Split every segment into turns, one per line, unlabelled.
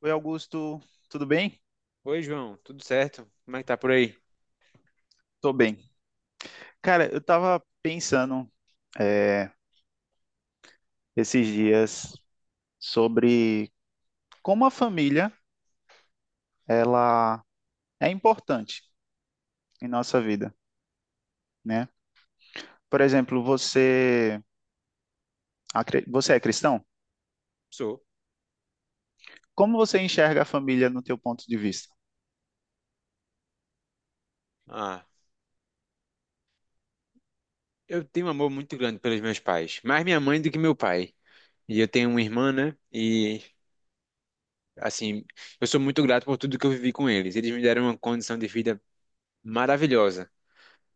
Oi, Augusto, tudo bem?
Oi, João, tudo certo? Como é que tá por aí?
Tô bem. Cara, eu tava pensando é, esses dias sobre como a família ela é importante em nossa vida, né? Por exemplo, você, você é cristão?
Sou.
Como você enxerga a família no teu ponto de vista?
Ah, eu tenho um amor muito grande pelos meus pais, mais minha mãe do que meu pai. E eu tenho uma irmã, né? Assim, eu sou muito grato por tudo que eu vivi com eles. Eles me deram uma condição de vida maravilhosa.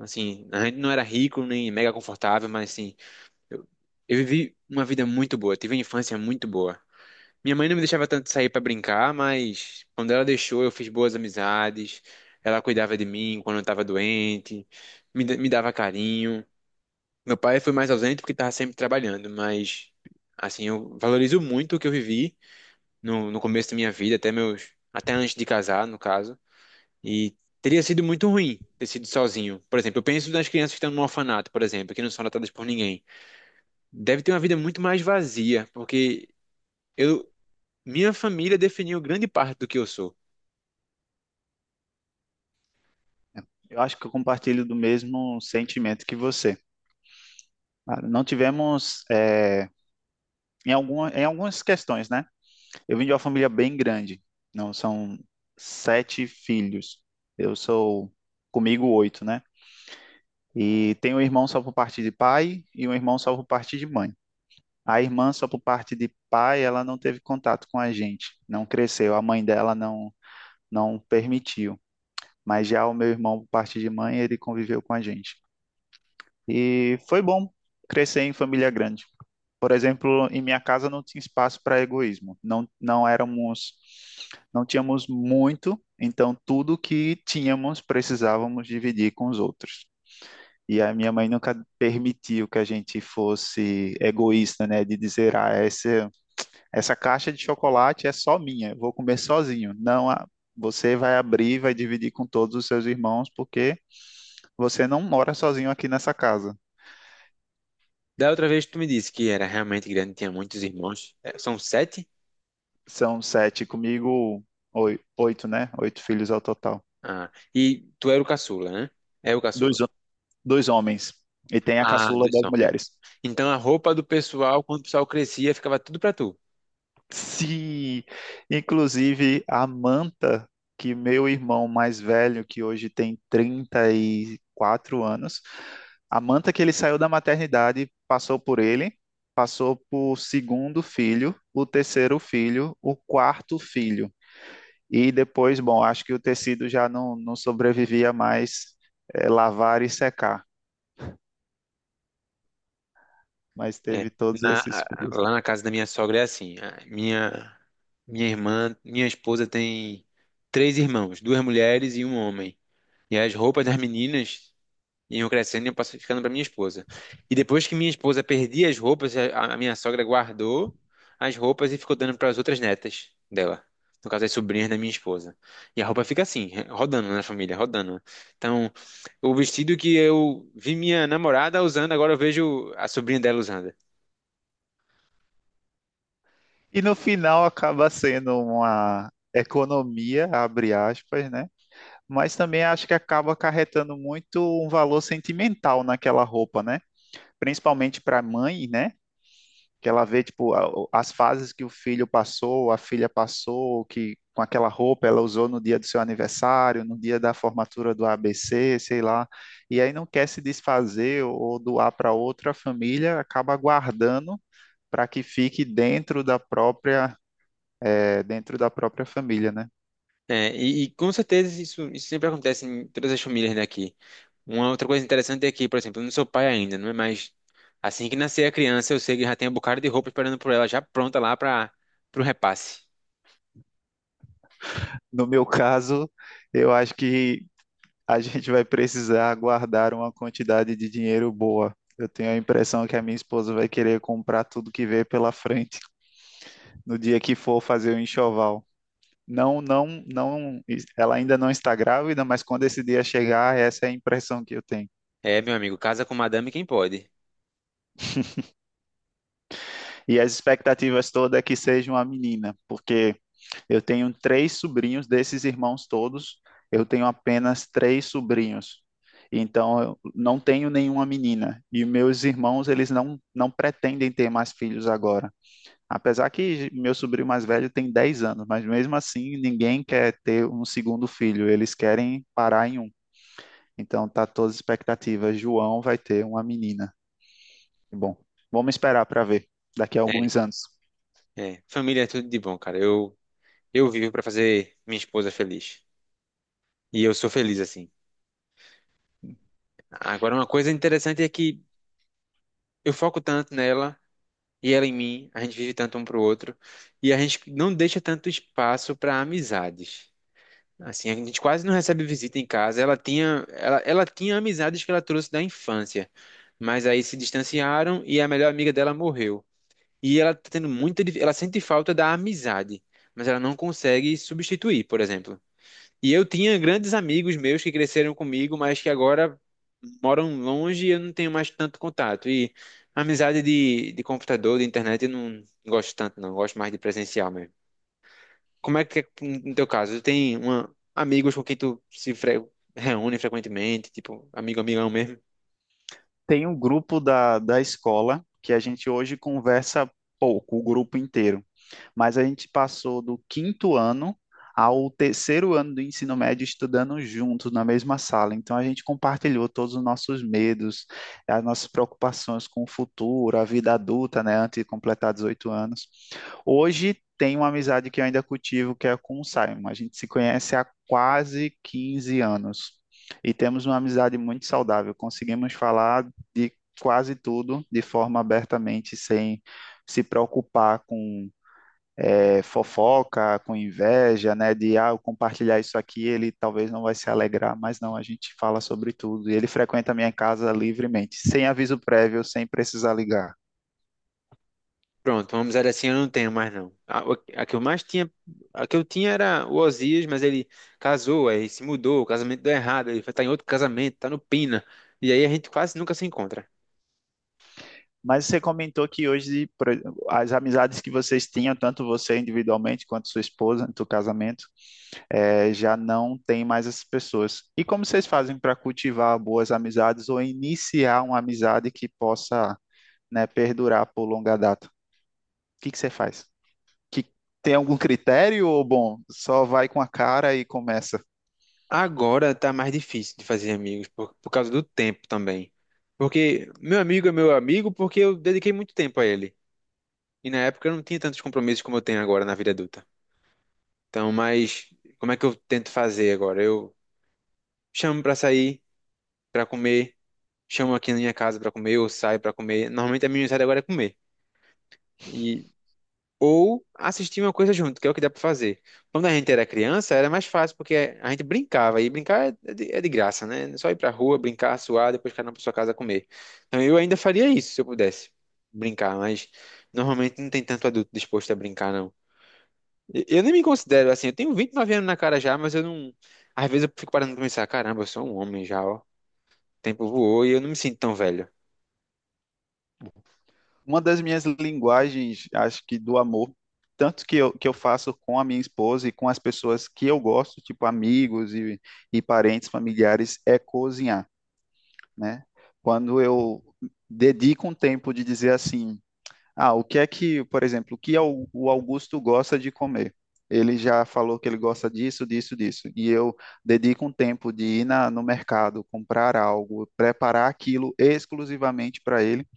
Assim, a gente não era rico nem mega confortável, mas, assim, eu, eu vivi uma vida muito boa, tive uma infância muito boa. Minha mãe não me deixava tanto sair pra brincar, mas quando ela deixou, eu fiz boas amizades. Ela cuidava de mim quando eu tava doente, me dava carinho. Meu pai foi mais ausente porque tava sempre trabalhando, mas assim, eu valorizo muito o que eu vivi no começo da minha vida, até meus, até antes de casar, no caso. E teria sido muito ruim ter sido sozinho. Por exemplo, eu penso nas crianças que estão no orfanato, por exemplo, que não são tratadas por ninguém. Deve ter uma vida muito mais vazia, porque eu minha família definiu grande parte do que eu sou.
Eu acho que eu compartilho do mesmo sentimento que você. Ah, não tivemos, em alguma, em algumas questões, né? Eu vim de uma família bem grande. Não, são sete filhos. Eu sou comigo oito, né? E tenho um irmão só por parte de pai e um irmão só por parte de mãe. A irmã só por parte de pai, ela não teve contato com a gente, não cresceu. A mãe dela não permitiu. Mas já o meu irmão por parte de mãe, ele conviveu com a gente. E foi bom crescer em família grande. Por exemplo, em minha casa não tinha espaço para egoísmo. Não, não éramos, não tínhamos muito, então tudo que tínhamos precisávamos dividir com os outros. E a minha mãe nunca permitiu que a gente fosse egoísta, né? De dizer, ah, essa caixa de chocolate é só minha, eu vou comer sozinho. Não, você vai abrir, vai dividir com todos os seus irmãos, porque você não mora sozinho aqui nessa casa.
Da outra vez tu me disse que era realmente grande, tinha muitos irmãos. É, são sete?
São sete comigo, oito, né? Oito filhos ao total.
Ah, e tu era o caçula, né? É o
Dois,
caçula.
dois homens. E tem a
Ah,
caçula
dois
das
homens.
mulheres.
Então a roupa do pessoal, quando o pessoal crescia, ficava tudo pra tu.
Se, inclusive, a Manta, que meu irmão mais velho, que hoje tem 34 anos, a Manta que ele saiu da maternidade, passou por ele, passou por segundo filho, o terceiro filho, o quarto filho. E depois, bom, acho que o tecido já não sobrevivia mais lavar e secar, mas
É.
teve todos esses fios.
Lá na casa da minha sogra é assim. A minha irmã, minha esposa tem três irmãos, duas mulheres e um homem. E as roupas das meninas iam crescendo e iam ficando para minha esposa. E depois que minha esposa perdia as roupas, a minha sogra guardou as roupas e ficou dando para as outras netas dela. No caso, as sobrinhas da minha esposa. E a roupa fica assim, rodando na família, rodando. Então, o vestido que eu vi minha namorada usando, agora eu vejo a sobrinha dela usando.
E no final acaba sendo uma economia, abre aspas, né? Mas também acho que acaba acarretando muito um valor sentimental naquela roupa, né? Principalmente para a mãe, né? Que ela vê tipo as fases que o filho passou, a filha passou, que com aquela roupa ela usou no dia do seu aniversário, no dia da formatura do ABC, sei lá, e aí não quer se desfazer ou doar para outra família, acaba guardando para que fique dentro da própria dentro da própria família, né?
É, e com certeza isso sempre acontece em todas as famílias daqui. Uma outra coisa interessante é que, por exemplo, eu não sou pai ainda, não é? Mas assim que nascer a criança, eu sei que já tem um bocado de roupa esperando por ela, já pronta lá para o repasse.
No meu caso, eu acho que a gente vai precisar guardar uma quantidade de dinheiro boa. Eu tenho a impressão que a minha esposa vai querer comprar tudo que vê pela frente no dia que for fazer o enxoval. Não, não, não, ela ainda não está grávida, mas quando esse dia chegar, essa é a impressão que eu tenho.
É, meu amigo, casa com madame quem pode.
E as expectativas todas é que seja uma menina, porque eu tenho três sobrinhos desses irmãos todos, eu tenho apenas três sobrinhos. Então, eu não tenho nenhuma menina. E meus irmãos, eles não pretendem ter mais filhos agora. Apesar que meu sobrinho mais velho tem 10 anos, mas mesmo assim, ninguém quer ter um segundo filho. Eles querem parar em um. Então, tá todas as expectativas. João vai ter uma menina. Bom, vamos esperar para ver daqui a
É,
alguns anos.
é. Família é tudo de bom, cara. Eu vivo para fazer minha esposa feliz. E eu sou feliz assim. Agora, uma coisa interessante é que eu foco tanto nela e ela em mim, a gente vive tanto um pro outro, e a gente não deixa tanto espaço para amizades. Assim, a gente quase não recebe visita em casa. Ela tinha amizades que ela trouxe da infância, mas aí se distanciaram e a melhor amiga dela morreu. E ela tá tendo ela sente falta da amizade, mas ela não consegue substituir, por exemplo. E eu tinha grandes amigos meus que cresceram comigo, mas que agora moram longe e eu não tenho mais tanto contato. E amizade de computador, de internet, eu não gosto tanto, não. Eu gosto mais de presencial mesmo. Como é que é no teu caso? Tu tem uma, amigos com quem tu se fre- reúne frequentemente, tipo, amigo, amigão mesmo?
Tem um grupo da escola que a gente hoje conversa pouco, o grupo inteiro, mas a gente passou do quinto ano ao terceiro ano do ensino médio estudando juntos na mesma sala. Então a gente compartilhou todos os nossos medos, as nossas preocupações com o futuro, a vida adulta, né, antes de completar 18 anos. Hoje tem uma amizade que eu ainda cultivo, que é com o Simon. A gente se conhece há quase 15 anos e temos uma amizade muito saudável. Conseguimos falar de quase tudo de forma abertamente, sem se preocupar com fofoca, com inveja, né? De ah, eu compartilhar isso aqui, ele talvez não vai se alegrar, mas não, a gente fala sobre tudo. E ele frequenta a minha casa livremente, sem aviso prévio, sem precisar ligar.
Pronto, vamos dizer assim, eu não tenho mais não. A, o- a que eu mais tinha, A que eu tinha era o Osias, mas ele casou, aí se mudou, o casamento deu errado, ele foi tá em outro casamento, tá no Pina. E aí a gente quase nunca se encontra.
Mas você comentou que hoje por exemplo, as amizades que vocês tinham, tanto você individualmente quanto sua esposa, no seu casamento, já não tem mais essas pessoas. E como vocês fazem para cultivar boas amizades ou iniciar uma amizade que possa, né, perdurar por longa data? O que que você faz? Que tem algum critério ou bom, só vai com a cara e começa?
Agora tá mais difícil de fazer amigos, por causa do tempo também. Porque meu amigo é meu amigo porque eu dediquei muito tempo a ele. E na época eu não tinha tantos compromissos como eu tenho agora na vida adulta. Então, mas como é que eu tento fazer agora? Eu chamo pra sair, pra comer, chamo aqui na minha casa pra comer, ou saio pra comer. Normalmente a minha saída agora é comer. E ou assistir uma coisa junto, que é o que dá pra fazer. Quando a gente era criança, era mais fácil porque a gente brincava e brincar é é de graça, né? É só ir pra rua, brincar, suar, depois cada um pra sua casa comer. Então, eu ainda faria isso se eu pudesse brincar, mas normalmente não tem tanto adulto disposto a brincar, não. Eu nem me considero assim. Eu tenho 29 anos na cara já, mas eu não. Às vezes eu fico parando pra pensar: caramba, eu sou um homem já, ó. O tempo voou e eu não me sinto tão velho.
Uma das minhas linguagens, acho que do amor, tanto que que eu faço com a minha esposa e com as pessoas que eu gosto, tipo amigos e parentes, familiares, é cozinhar, né? Quando eu dedico um tempo de dizer assim, ah, o que é que, por exemplo, o que o Augusto gosta de comer? Ele já falou que ele gosta disso, disso, disso. E eu dedico um tempo de ir no mercado, comprar algo, preparar aquilo exclusivamente para ele.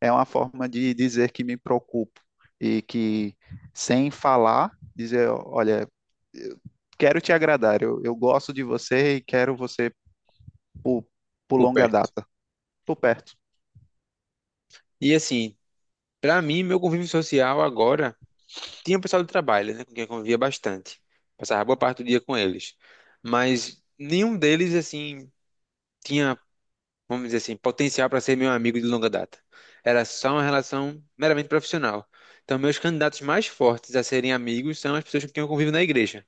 É uma forma de dizer que me preocupo e que, sem falar, dizer: olha, quero te agradar, eu gosto de você e quero você por, por
Por
longa
perto.
data. Estou perto.
E assim, pra mim, meu convívio social agora. Tinha o pessoal do trabalho, né? Com quem eu convivia bastante. Passava boa parte do dia com eles. Mas nenhum deles, assim, tinha, vamos dizer assim, potencial para ser meu amigo de longa data. Era só uma relação meramente profissional. Então, meus candidatos mais fortes a serem amigos são as pessoas com quem eu convivo na igreja.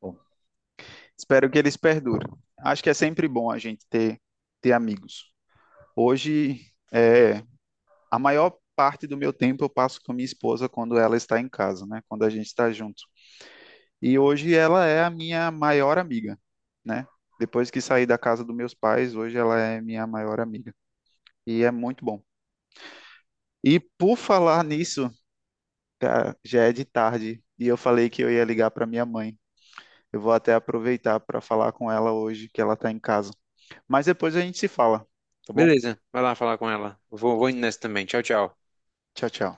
Bom, espero que eles perdurem. Acho que é sempre bom a gente ter, ter amigos. Hoje, a maior parte do meu tempo eu passo com a minha esposa quando ela está em casa, né? Quando a gente está junto. E hoje ela é a minha maior amiga, né? Depois que saí da casa dos meus pais, hoje ela é minha maior amiga. E é muito bom. E por falar nisso, cara, já é de tarde e eu falei que eu ia ligar para minha mãe. Eu vou até aproveitar para falar com ela hoje que ela está em casa. Mas depois a gente se fala, tá bom?
Beleza, vai lá falar com ela. Eu vou, indo nessa também. Tchau, tchau.
Tchau, tchau.